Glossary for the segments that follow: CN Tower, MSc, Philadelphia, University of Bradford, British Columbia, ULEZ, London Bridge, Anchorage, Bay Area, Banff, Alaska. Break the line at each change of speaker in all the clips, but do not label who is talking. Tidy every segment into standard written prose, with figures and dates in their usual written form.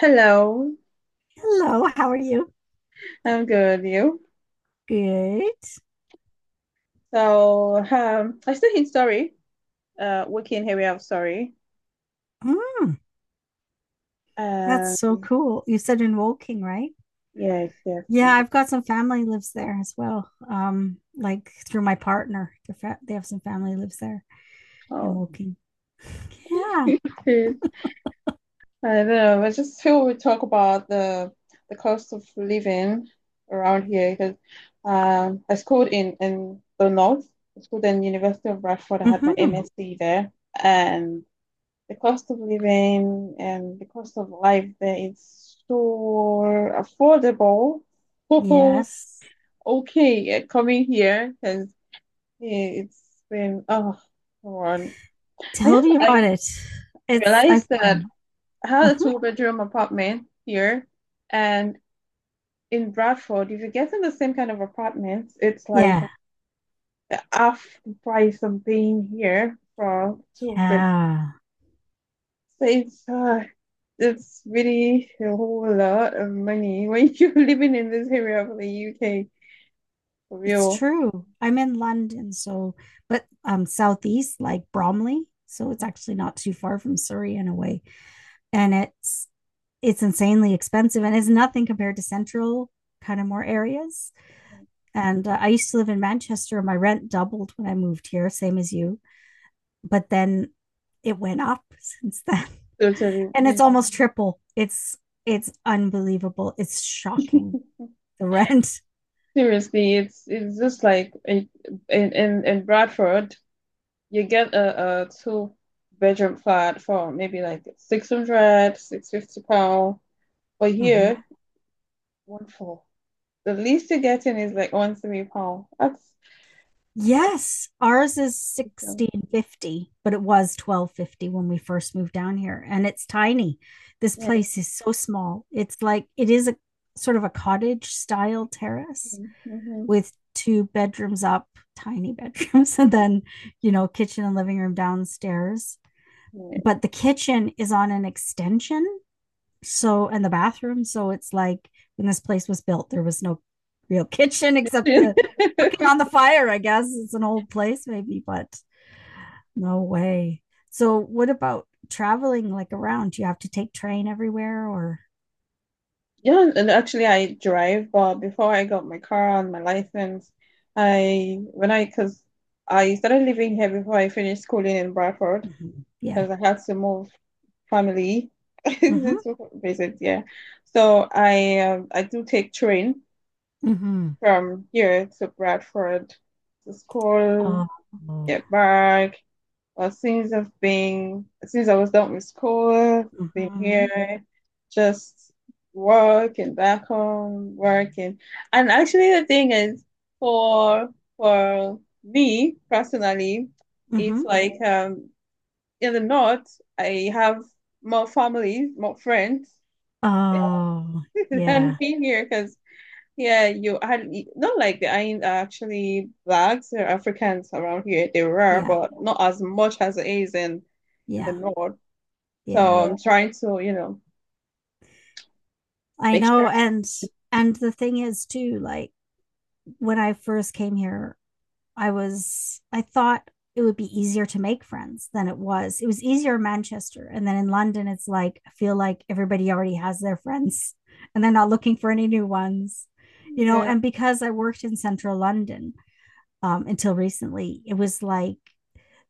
Hello,
Hello, how are you?
I'm good. You?
Good.
So, I still in Surrey, working area of Surrey.
Mm, that's
Um,
so cool. You said in Woking, right?
yes, yes.
Yeah, I've got some family lives there as well. Like through my partner, they have some family lives there in
Oh,
Woking. Yeah.
I don't know. I just feel we talk about the cost of living around here because I schooled in the north. I schooled in University of Bradford. I had my
Mm-hmm.
MSc there, and. The cost of living and the cost of life there is so affordable. So
Yes.
okay, coming here because it's been oh, come on. I
Tell
guess
me about
I
it. It's
realized
I've
that I had a
uh-huh.
two-bedroom apartment here, and in Bradford, if you get in the same kind of apartments, it's like
Yeah.
half the price I'm paying here for two bedroom.
Yeah.
It's uh, it's really a whole lot of money when you're living in this area of the UK for
It's
real.
true. I'm in London, so but southeast like Bromley, so it's actually not too far from Surrey in a way. And it's insanely expensive and is nothing compared to central kind of more areas. And I used to live in Manchester. My rent doubled when I moved here, same as you. But then it went up since then.
Totally,
And it's almost triple. It's unbelievable. It's shocking the rent.
Seriously, it's just like in Bradford, you get a two-bedroom flat for maybe like six hundred six fifty pound. But
Mm-hmm.
here, one for the least you're getting is like one three pound. That's
Yes, ours is 1650, but it was 1250 when we first moved down here, and it's tiny. This place is so small. It's like it is a sort of a cottage style terrace
mm-hmm.
with two bedrooms up, tiny bedrooms, and then, you know, kitchen and living room downstairs. But the kitchen is on an extension so, and the bathroom. So it's like when this place was built, there was no real kitchen except the cooking on the fire, I guess. It's an old place, maybe, but no way. So, what about traveling like around? Do you have to take train everywhere or?
Yeah, and actually I drive, but before I got my car and my license, I when I because I started living here before I finished schooling in Bradford
Mhm. Yeah.
because I had to move family
Mm-hmm.
to visit, yeah. So I do take train
Mm-hmm.
from here to Bradford to school,
Oh.
get back, well, since I was done with school, been
Mm-hmm.
here, just work and back home, work and actually the thing is for for me personally, it's
Mm-hmm.
like in the north I have more family, more friends
Oh,
than
yeah.
being here because yeah, you are not like there ain't actually blacks they're Africans around here. They are,
Yeah.
but not as much as it is in the
Yeah.
north. So
Yeah.
I'm trying to,
I
make sure.
know. And the thing is too, like when I first came here, I thought it would be easier to make friends than it was. It was easier in Manchester. And then in London, it's like, I feel like everybody already has their friends and they're not looking for any new ones, you know.
Yeah,
And because I worked in central London until recently, it was like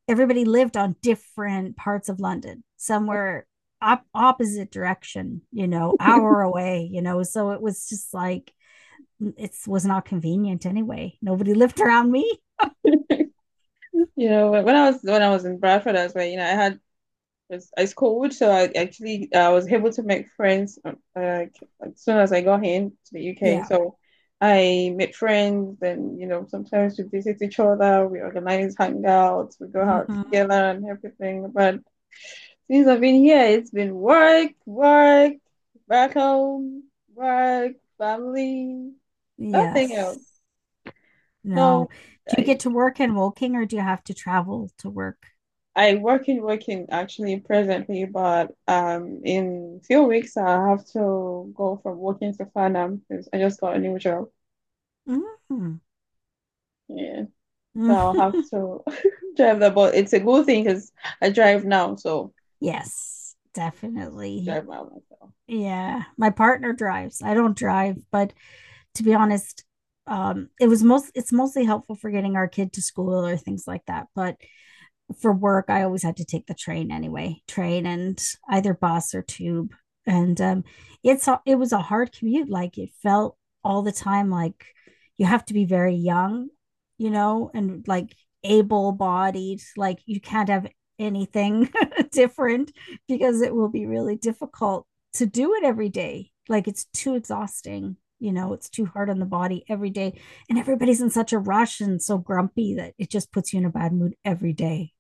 everybody lived on different parts of London. Somewhere were opposite direction, you know, hour away, you know. So it was just like, it was not convenient anyway. Nobody lived around me.
when I was in Bradford, I was like, I had was I schooled, so I actually I was able to make friends like, as soon as I got here to the UK.
Yeah.
So I made friends, and sometimes we visit each other. We organize hangouts, we go out
Mm-hmm.
together, and everything. But since I've been here, it's been work, work, back home, work, family, nothing
Yes.
else. No,
No. Do you
I,
get to work in Woking or do you have to travel to work?
I work in working actually presently, but in few weeks I have to go from working to Farnham because I just got a new job.
Mhm.
Yeah, so I'll have to drive the bus. It's a good thing because I drive now, so
Yes,
just
definitely.
drive by myself.
Yeah. My partner drives. I don't drive, but to be honest, it was most it's mostly helpful for getting our kid to school or things like that. But for work, I always had to take the train anyway, train and either bus or tube. And it was a hard commute. Like it felt all the time like you have to be very young, you know, and like able-bodied. Like you can't have anything different because it will be really difficult to do it every day. Like it's too exhausting. You know, it's too hard on the body every day and everybody's in such a rush and so grumpy that it just puts you in a bad mood every day.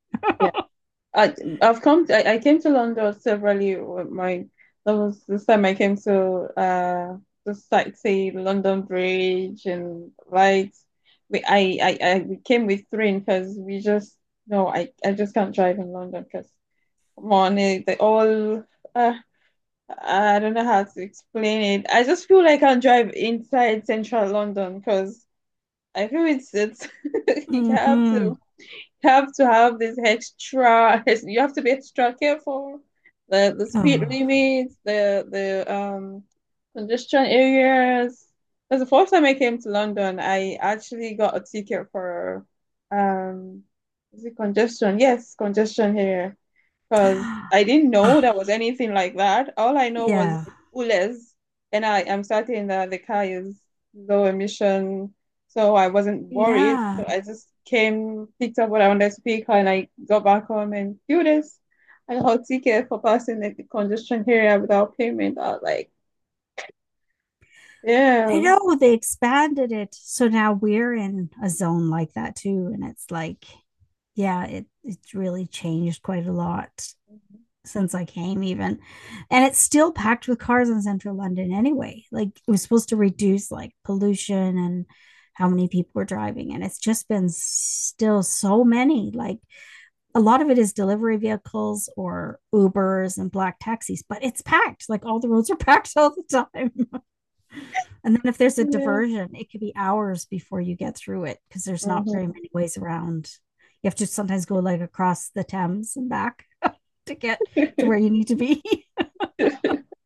I I've come to, I came to London several years. My That was this time I came to just like say London Bridge and lights. We I we came with three because we just no I I just can't drive in London because come on eh, they all uh, I don't know how to explain it. I just feel like I can't drive inside central London because I feel it's you have
Mm-hmm.
to have to have this extra you have to be extra careful the speed
Oh.
limits the congestion areas because the first time I came to London I actually got a ticket for um is it congestion yes congestion here because I didn't know
Ah,
there was anything like that. All I know was
yeah.
ULEZ, and I am certain that the car is low emission, so I wasn't worried.
Yeah.
So I just came, picked up what I wanted to pick, and I got back home and do this. I got ticket for passing the congestion area without payment. I was like,
I
yeah,
know they expanded it. So now we're in a zone like that too. And it's like, yeah, it's really changed quite a lot since I came even. And it's still packed with cars in central London anyway. Like it was supposed to reduce like pollution and how many people were driving. And it's just been still so many. Like a lot of it is delivery vehicles or Ubers and black taxis, but it's packed. Like all the roads are packed all the time. And then if there's a
yeah.
diversion, it could be hours before you get through it because there's not very
Mm-hmm.
many ways around. You have to sometimes go like across the Thames and back to get to where you need to be.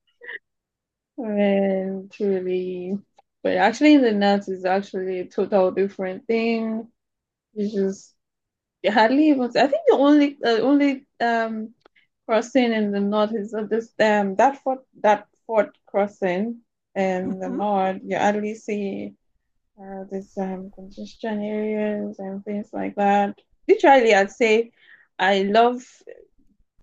And truly, but actually, in the nuts is actually a total different thing. It's just hardly able to. I think the only crossing in the north is this that fort crossing in the
Hmm.
north. You hardly see this congestion areas and things like that. Literally, I'd say I love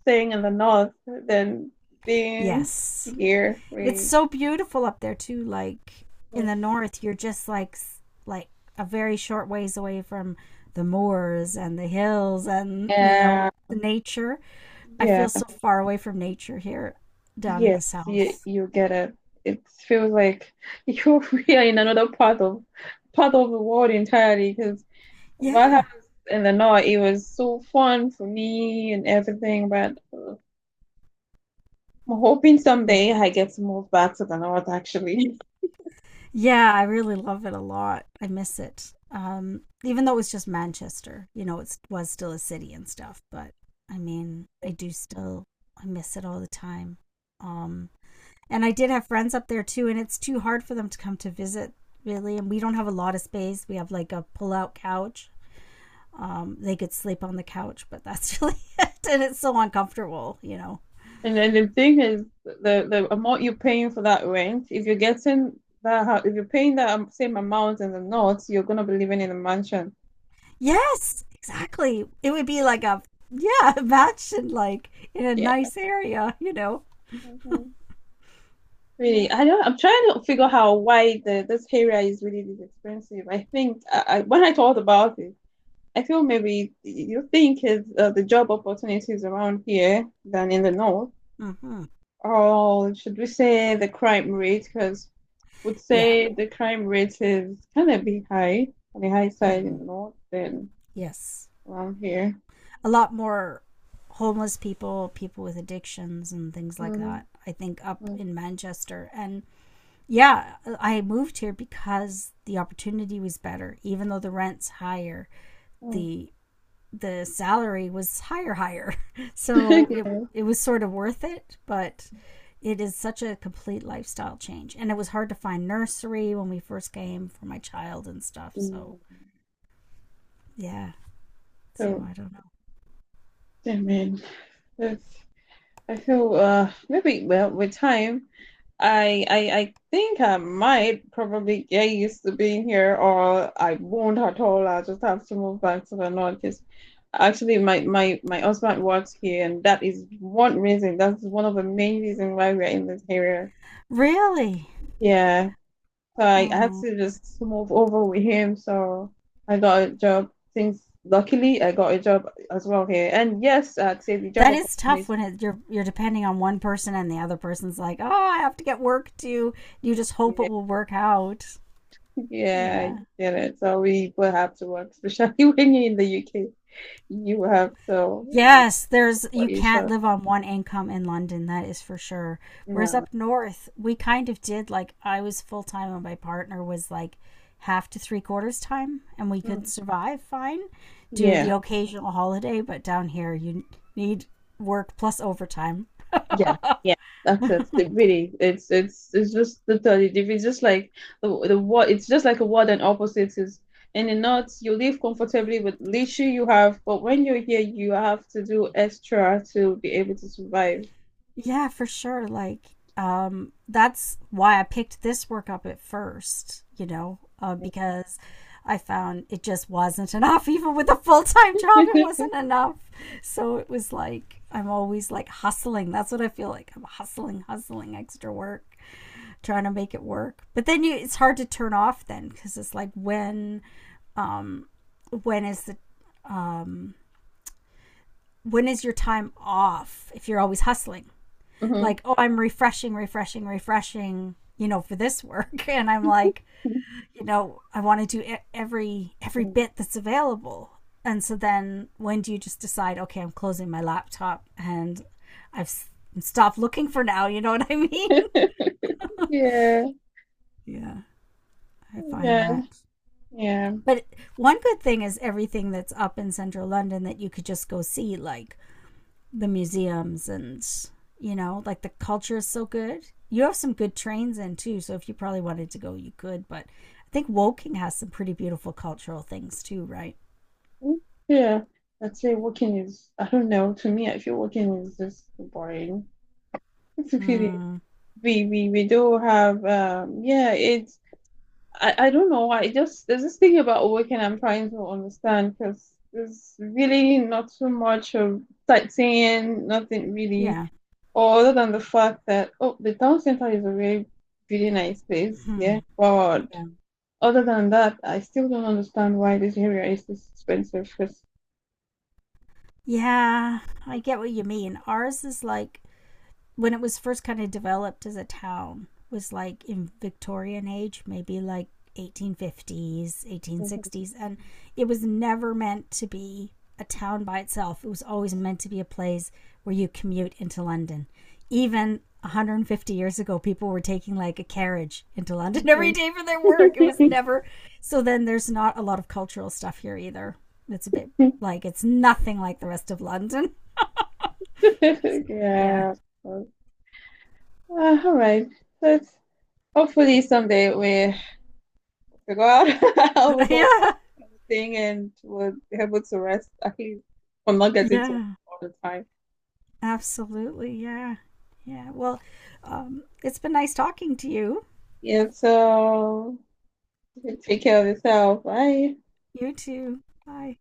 staying in the north than being
Yes.
here.
It's
Really,
so beautiful up there too. Like in the north, you're just like a very short ways away from the moors and the hills and you know
yeah,
the nature. I
yeah.
feel so far away from nature here down in the
Yes, you,
south.
you get it. It feels like you're really in another part of the world entirely because what
Yeah.
happens in the north, it was so fun for me and everything, but I'm hoping someday I get to move back to the north actually.
Yeah, I really love it a lot. I miss it. Even though it's just Manchester, you know, it was still a city and stuff. But I mean, I miss it all the time. Um, and I did have friends up there too, and it's too hard for them to come to visit, really. And we don't have a lot of space. We have like a pull out couch. They could sleep on the couch, but that's really it. And it's so uncomfortable, you know.
And then the thing is the amount you're paying for that rent, if you're getting if you're paying that same amount in the north, you're gonna be living in a mansion.
Yes, exactly. It would be like a yeah, a match in like in a
Yeah.
nice area, you know. Yeah.
Really, I don't. I'm trying to figure out why the this area is really this expensive. I think when I thought about it, I feel maybe you think is the job opportunities around here than in the north,
Hmm.
or should we say the crime rate? Because would
Yeah.
say the crime rate is kind of be high on the high side in
Hmm.
the north than
Yes.
around here.
A lot more homeless people, people with addictions and things like
Mhm.
that. I think up
Mm,
in Manchester and yeah, I moved here because the opportunity was better, even though the rent's higher.
mm.
The the salary was higher, so
Yeah.
it was sort of worth it, but it is such a complete lifestyle change and it was hard to find nursery when we first came for my child and stuff, so
Mm.
yeah, so
So,
I don't know,
yeah, man, that's. I feel maybe well with time I think I might probably get used to being here, or I won't at all. I'll just have to move back to the north because actually my husband works here, and that is one reason. That's one of the main reasons why we're in this area.
really.
Yeah, so I had
Oh,
to just move over with him. So I got a job. Things Luckily I got a job as well here, and yes, I'd say the job
that is tough
opportunity.
when it, you're depending on one person and the other person's like, oh, I have to get work too. You just hope
Yeah,
it will work out.
yeah, I
Yeah.
get it. So we will have to work, especially when you're in the UK. You have to
Yes, there's
what
you
you
can't
show.
live on one income in London, that is for sure. Whereas
No,
up north, we kind of did like I was full time and my partner was like half to three quarters time and we could
no.
survive fine, do the
Yeah,
occasional holiday, but down here you need work plus overtime.
yeah, yeah. That's it. It really, it's just totally different. It's just like the what. It's just like a word and opposites is. In the north, you live comfortably with leisure you have, but when you're here, you have to do extra to be able to survive.
Yeah, for sure. Like, that's why I picked this work up at first, you know, because I found it just wasn't enough. Even with a full time job, it wasn't enough. So it was like, I'm always like hustling. That's what I feel like. I'm hustling, hustling extra work, trying to make it work. But then it's hard to turn off then because it's like, um, when is the, when is your time off if you're always hustling?
Mhm.
Like, oh, I'm refreshing, refreshing, refreshing, you know, for this work. And I'm like, you know, I want to do every bit that's available. And so then when do you just decide, okay, I'm closing my laptop and I've stopped looking for now, you know what I mean?
Yeah,
Yeah, I find
yeah,
that.
yeah.
But one good thing is everything that's up in central London that you could just go see, like the museums and you know like the culture is so good. You have some good trains in too, so if you probably wanted to go you could, but I think Woking has some pretty beautiful cultural things too, right?
Yeah, I'd say working is, I don't know, to me, I feel working is just boring. It's really
Mm,
We do have yeah, it's I don't know why. It just there's this thing about working I'm trying to understand because there's really not so much of sightseeing, nothing really,
yeah.
or other than the fact that oh the town center is a really really nice place,
Hmm.
yeah. But
Yeah.
other than that, I still don't understand why this area is this expensive
Yeah, I get what you mean. Ours is like when it was first kind of developed as a town was like in Victorian age, maybe like 1850s,
because
1860s, and it was never meant to be a town by itself. It was always meant to be a place where you commute into London. Even 150 years ago, people were taking like a carriage into London every day for their work. It was never so. Then there's not a lot of cultural stuff here either. It's a bit like it's nothing like the rest of London. Yeah.
yeah. Uh, all right. But hopefully someday we go out, we go
Yeah.
back and thing, and we'll be able to rest at least from not getting to work
Yeah.
all the time.
Absolutely. Yeah. Yeah. Well, it's been nice talking to you.
Yeah. So take care of yourself. Bye.
You too. Bye.